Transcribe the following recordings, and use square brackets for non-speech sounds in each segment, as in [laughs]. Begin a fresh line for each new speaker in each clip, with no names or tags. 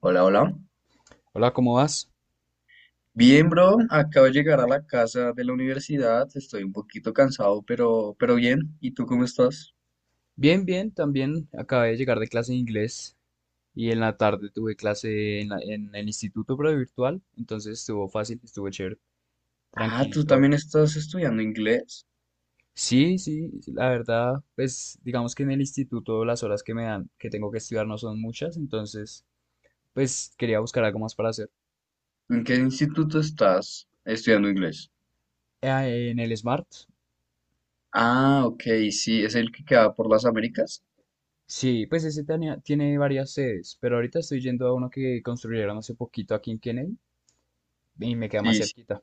Hola, hola.
Hola, ¿cómo vas?
Bien, bro. Acabo de llegar a la casa de la universidad. Estoy un poquito cansado, pero bien. ¿Y tú cómo estás?
Bien, bien, también acabé de llegar de clase de inglés y en la tarde tuve clase en, en el instituto, pero virtual, entonces estuvo fácil, estuvo chévere,
Ah, tú
tranquilito hoy.
también estás estudiando inglés.
Sí, sí, la verdad, pues digamos que en el instituto las horas que me dan, que tengo que estudiar no son muchas, entonces pues quería buscar algo más para hacer.
¿En qué instituto estás estudiando inglés?
Ah, en el Smart,
Ah, ok, sí, es el que queda por las Américas.
sí, pues ese tiene varias sedes, pero ahorita estoy yendo a uno que construyeron hace poquito aquí en Kennedy y me queda más
Sí, sí,
cerquita.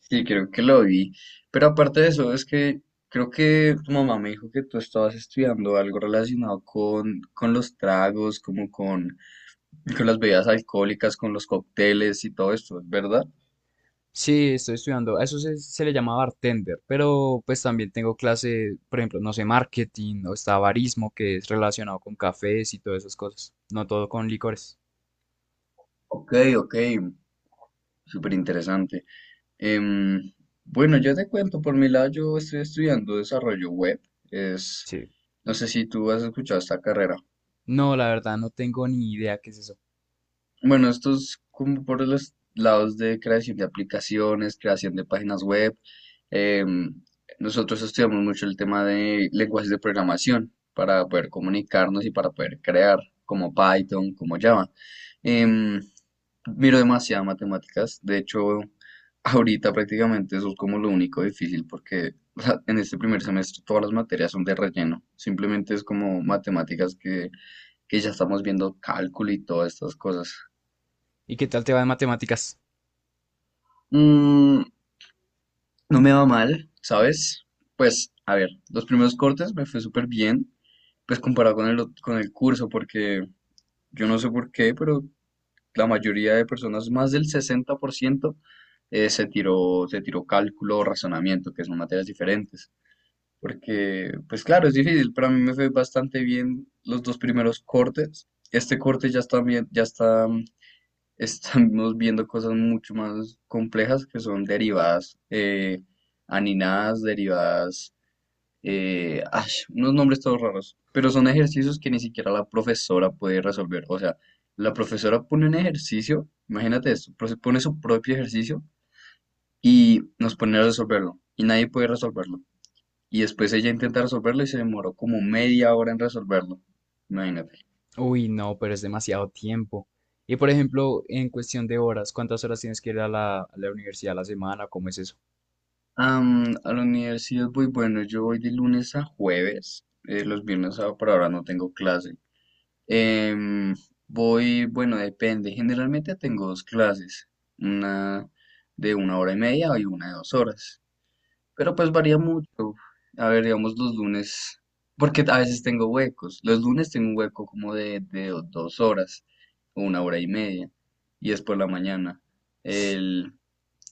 sí, creo que lo vi. Pero aparte de eso, es que creo que tu mamá me dijo que tú estabas estudiando algo relacionado con los tragos, como con las bebidas alcohólicas, con los cócteles y todo esto, ¿es verdad?
Sí, estoy estudiando. A eso se le llama bartender, pero pues también tengo clase, por ejemplo, no sé, marketing o está barismo, que es relacionado con cafés y todas esas cosas. No todo con licores.
Ok, ok, súper interesante. Em, bueno, yo te cuento, por mi lado yo estoy estudiando desarrollo web. Es,
Sí.
no sé si tú has escuchado esta carrera.
No, la verdad, no tengo ni idea qué es eso.
Bueno, esto es como por los lados de creación de aplicaciones, creación de páginas web. Em, Nosotros estudiamos mucho el tema de lenguajes de programación para poder comunicarnos y para poder crear, como Python, como Java. Em, Miro demasiadas matemáticas. De hecho, ahorita prácticamente eso es como lo único difícil porque o sea, en este primer semestre todas las materias son de relleno. Simplemente es como matemáticas que ya estamos viendo cálculo y todas estas cosas.
¿Y qué tal te va en matemáticas?
Mm, no me va mal, ¿sabes? Pues, a ver, los primeros cortes me fue súper bien, pues comparado con con el curso, porque yo no sé por qué, pero la mayoría de personas, más del 60%, se tiró cálculo o razonamiento, que son materias diferentes. Porque, pues claro, es difícil, pero a mí me fue bastante bien los dos primeros cortes. Este corte ya está bien, ya está estamos viendo cosas mucho más complejas que son derivadas aninadas, derivadas, ay, unos nombres todos raros, pero son ejercicios que ni siquiera la profesora puede resolver. O sea, la profesora pone un ejercicio, imagínate esto, pone su propio ejercicio y nos pone a resolverlo y nadie puede resolverlo. Y después ella intenta resolverlo y se demoró como media hora en resolverlo. Imagínate.
Uy, no, pero es demasiado tiempo. Y por ejemplo, en cuestión de horas, ¿cuántas horas tienes que ir a la universidad a la semana? ¿Cómo es eso?
A la universidad voy, bueno, yo voy de lunes a jueves, los viernes por ahora no tengo clase. Em, Voy, bueno, depende, generalmente tengo dos clases, una de una hora y media y una de 2 horas, pero pues varía mucho. A ver, digamos los lunes, porque a veces tengo huecos, los lunes tengo un hueco como de 2 horas, o una hora y media, y es por la mañana.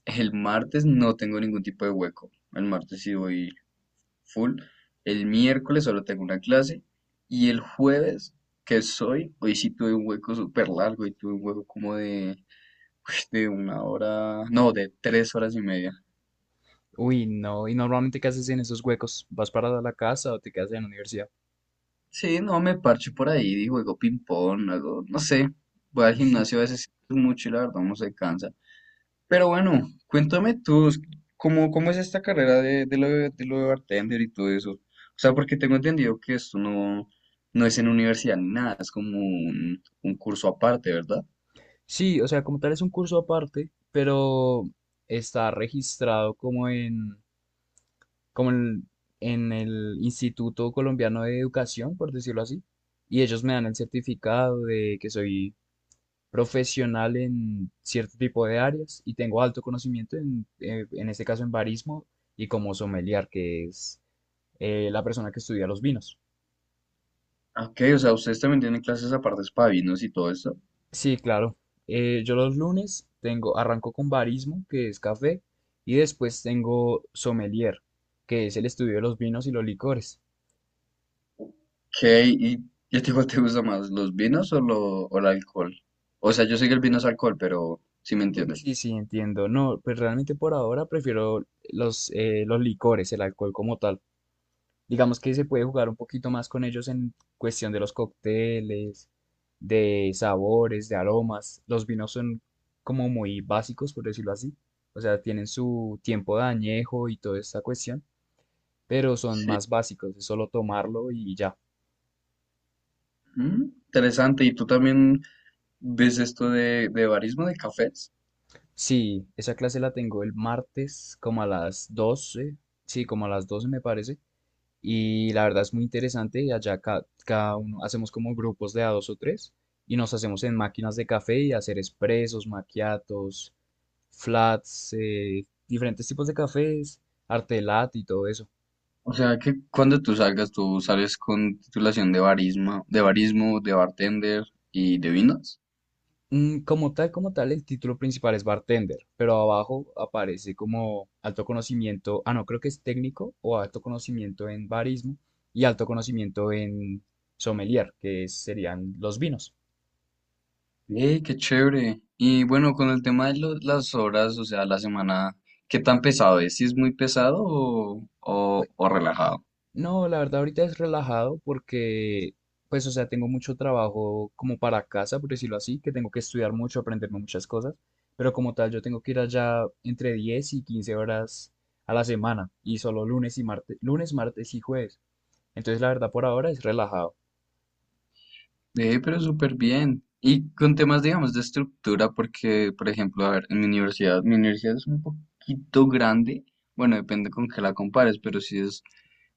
El martes no tengo ningún tipo de hueco. El martes sí voy full. El miércoles solo tengo una clase. Y el jueves, hoy sí tuve un hueco súper largo y tuve un hueco como de, uy, de una hora, no, de 3 horas y media.
Uy, no. ¿Y normalmente qué haces en esos huecos? ¿Vas para la casa o te quedas en la universidad?
Sí, no, me parcho por ahí, y juego ping-pong, algo, no sé. Voy al gimnasio a veces mucho y la verdad uno se cansa. Pero bueno, cuéntame tú, ¿cómo es esta carrera de lo de bartender y todo eso? O sea, porque tengo entendido que esto no es en universidad ni nada, es como un curso aparte, ¿verdad?
Sí, o sea, como tal es un curso aparte, pero está registrado como en, en el Instituto Colombiano de Educación, por decirlo así, y ellos me dan el certificado de que soy profesional en cierto tipo de áreas y tengo alto conocimiento en este caso en barismo y como sommelier, que es la persona que estudia los vinos.
Ah, ok, o sea, ustedes también tienen clases aparte para vinos y todo eso.
Sí, claro. Yo los lunes arranco con barismo, que es café, y después tengo sommelier, que es el estudio de los vinos y los licores.
Ok, y ya te digo, ¿te gusta más los vinos o el alcohol? O sea, yo sé que el vino es alcohol, pero si me entiendes.
Sí, sí, entiendo. No, pues realmente por ahora prefiero los licores, el alcohol como tal. Digamos que se puede jugar un poquito más con ellos en cuestión de los cócteles, de sabores, de aromas. Los vinos son como muy básicos, por decirlo así. O sea, tienen su tiempo de añejo y toda esta cuestión, pero son
Sí.
más básicos, es solo tomarlo y ya.
Interesante, ¿y tú también ves esto de barismo de cafés?
Sí, esa clase la tengo el martes como a las 12, sí, como a las 12 me parece, y la verdad es muy interesante y allá cada uno hacemos como grupos de a dos o tres y nos hacemos en máquinas de café y hacer expresos, maquiatos, flats, diferentes tipos de cafés, arte latte y todo eso.
O sea que cuando tú salgas, tú sales con titulación de barismo, de bartender y de vinos.
Como tal, el título principal es bartender, pero abajo aparece como alto conocimiento, ah, no, creo que es técnico o alto conocimiento en barismo y alto conocimiento en sommelier, serían los vinos.
Qué chévere! Y bueno, con el tema de las horas, o sea, la semana, ¿qué tan pesado es? ¿Si es muy pesado o, o,
Pues,
o relajado?
no, la verdad ahorita es relajado porque, pues, o sea, tengo mucho trabajo como para casa, por decirlo así, que tengo que estudiar mucho, aprenderme muchas cosas, pero como tal, yo tengo que ir allá entre 10 y 15 horas a la semana y solo lunes y martes, lunes, martes y jueves. Entonces, la verdad, por ahora es relajado.
Ve, pero súper bien. Y con temas, digamos, de estructura, porque, por ejemplo, a ver, en mi universidad es un poquito grande, bueno, depende con qué la compares, pero sí es,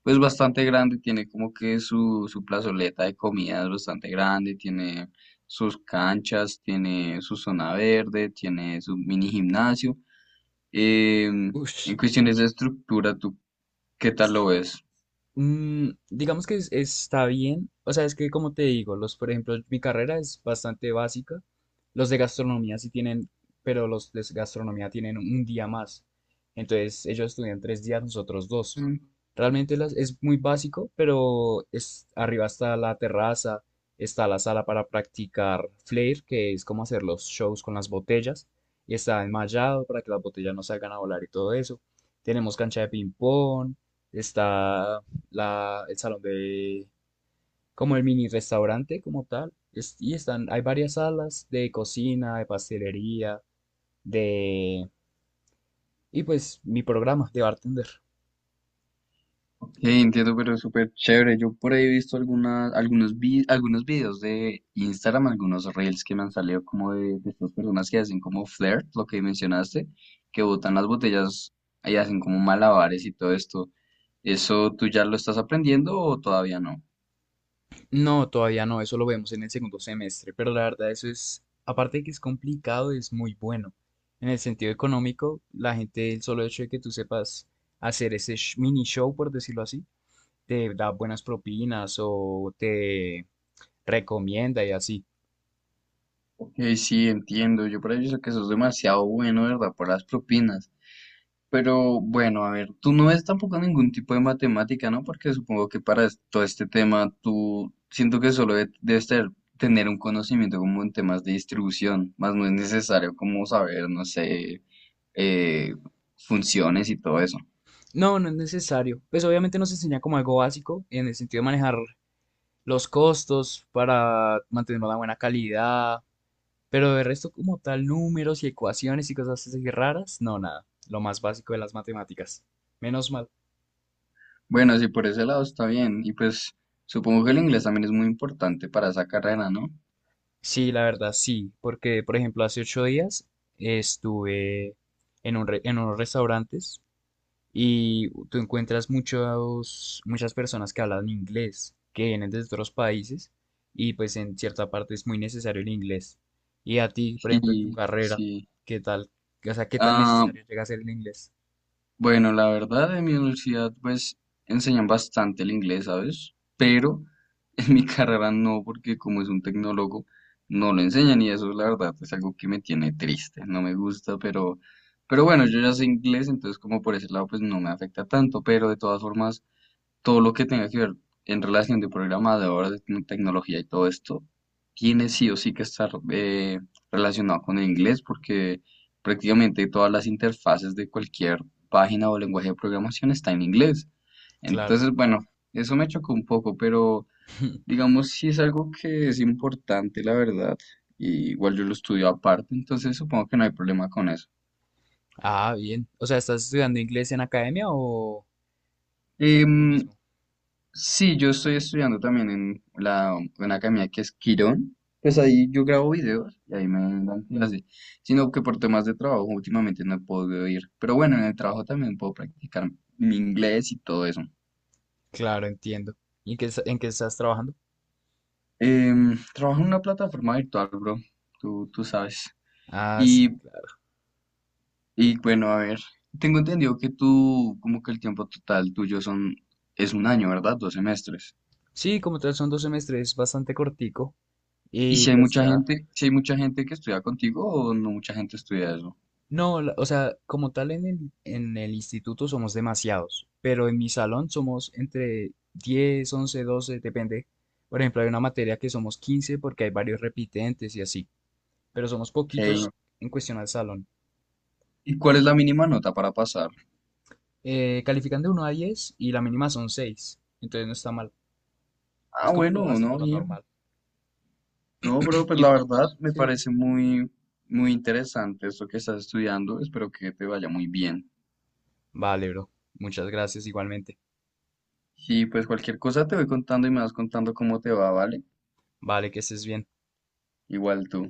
pues, bastante grande, tiene como que su plazoleta de comidas bastante grande, tiene sus canchas, tiene su zona verde, tiene su mini gimnasio. Em,
Uy,
en cuestiones de estructura, ¿tú qué tal lo ves?
Digamos que está bien. O sea, es que como te digo, los, por ejemplo, mi carrera es bastante básica. Los de gastronomía sí tienen, pero los de gastronomía tienen un día más. Entonces, ellos estudian 3 días, nosotros dos. Realmente es muy básico, pero arriba está la terraza, está la sala para practicar flair, que es como hacer los shows con las botellas, y está enmallado para que las botellas no salgan a volar y todo eso. Tenemos cancha de ping pong, está la, el salón de, como el mini restaurante como tal. Y están, hay varias salas de cocina, de pastelería, de. Y pues mi programa de bartender.
Ok, entiendo, pero es súper chévere. Yo por ahí he visto algunos videos de Instagram, algunos reels que me han salido como de estas personas que hacen como flirt, lo que mencionaste, que botan las botellas y hacen como malabares y todo esto. ¿Eso tú ya lo estás aprendiendo o todavía no?
No, todavía no, eso lo vemos en el segundo semestre, pero la verdad eso es, aparte de que es complicado, es muy bueno. En el sentido económico, la gente, el solo hecho de que tú sepas hacer ese mini show, por decirlo así, te da buenas propinas o te recomienda y así.
Ok, sí, entiendo. Yo por ahí he visto que eso es demasiado bueno, ¿verdad? Por las propinas. Pero bueno, a ver, tú no ves tampoco ningún tipo de matemática, ¿no? Porque supongo que para todo este tema tú siento que solo debes tener un conocimiento como en temas de distribución, más no es necesario como saber, no sé, eh, funciones y todo eso.
No, no es necesario. Pues obviamente nos enseña como algo básico en el sentido de manejar los costos para mantener una buena calidad, pero de resto como tal números y ecuaciones y cosas así raras, no, nada. Lo más básico de las matemáticas. Menos mal.
Bueno, sí, por ese lado está bien. Y pues supongo que el inglés también es muy importante para esa carrera, ¿no?
Sí, la verdad, sí, porque por ejemplo hace 8 días estuve en unos restaurantes. Y tú encuentras muchos, muchas personas que hablan inglés, que vienen de otros países, y pues en cierta parte es muy necesario el inglés. Y a ti, por
Sí,
ejemplo, en tu carrera,
sí.
¿qué tal? O sea, ¿qué tan
Ah,
necesario llega a ser el inglés?
bueno, la verdad, en mi universidad pues enseñan bastante el inglés, ¿sabes? Pero en mi [laughs] carrera no, porque como es un tecnólogo, no lo enseñan y eso, la verdad, es algo que me tiene triste, no me gusta, pero bueno, yo ya sé inglés, entonces como por ese lado pues no me afecta tanto, pero de todas formas, todo lo que tenga que ver en relación de programador, de tecnología y todo esto, tiene sí o sí que estar relacionado con el inglés porque prácticamente todas las interfaces de cualquier página o lenguaje de programación está en inglés.
Claro.
Entonces, bueno, eso me chocó un poco, pero
[laughs]
digamos sí es algo que es importante, la verdad. Y igual yo lo estudio aparte, entonces supongo que no hay problema con eso.
Ah, bien. O sea, ¿estás estudiando inglés en academia o tú
Em,
mismo?
Sí, yo estoy estudiando también en una academia que es Quirón. Pues ahí yo grabo videos y ahí me dan clase. Sino que por temas de trabajo últimamente no he podido ir. Pero bueno, en el trabajo también puedo practicar mi inglés y todo eso.
Claro, entiendo. ¿Y en qué, en qué estás trabajando?
Trabajo en una plataforma virtual, bro. Tú sabes.
Ah,
Y,
sí, claro.
y bueno, a ver. Tengo entendido que tú, como que el tiempo total tuyo es un año, ¿verdad? Dos semestres.
Sí, como tal son dos semestres, es bastante cortico.
Y
Y
si hay
pues
mucha
ya,
gente, si hay mucha gente que estudia contigo o no mucha gente estudia eso.
no, o sea, como tal en el instituto somos demasiados, pero en mi salón somos entre 10, 11, 12, depende. Por ejemplo, hay una materia que somos 15 porque hay varios repitentes y así, pero somos
Hey.
poquitos en cuestión al salón.
¿Y cuál es la mínima nota para pasar?
Califican de 1 a diez y la mínima son 6, entonces no está mal.
Ah,
Es como lo
bueno, no,
básico, lo
bien.
normal.
No, bro,
[clears throat] [laughs]
pues la
Y,
verdad me
sí.
parece muy, muy interesante esto que estás estudiando. Espero que te vaya muy bien.
Vale, bro. Muchas gracias igualmente.
Y pues cualquier cosa te voy contando y me vas contando cómo te va, ¿vale?
Vale, que estés bien.
Igual tú.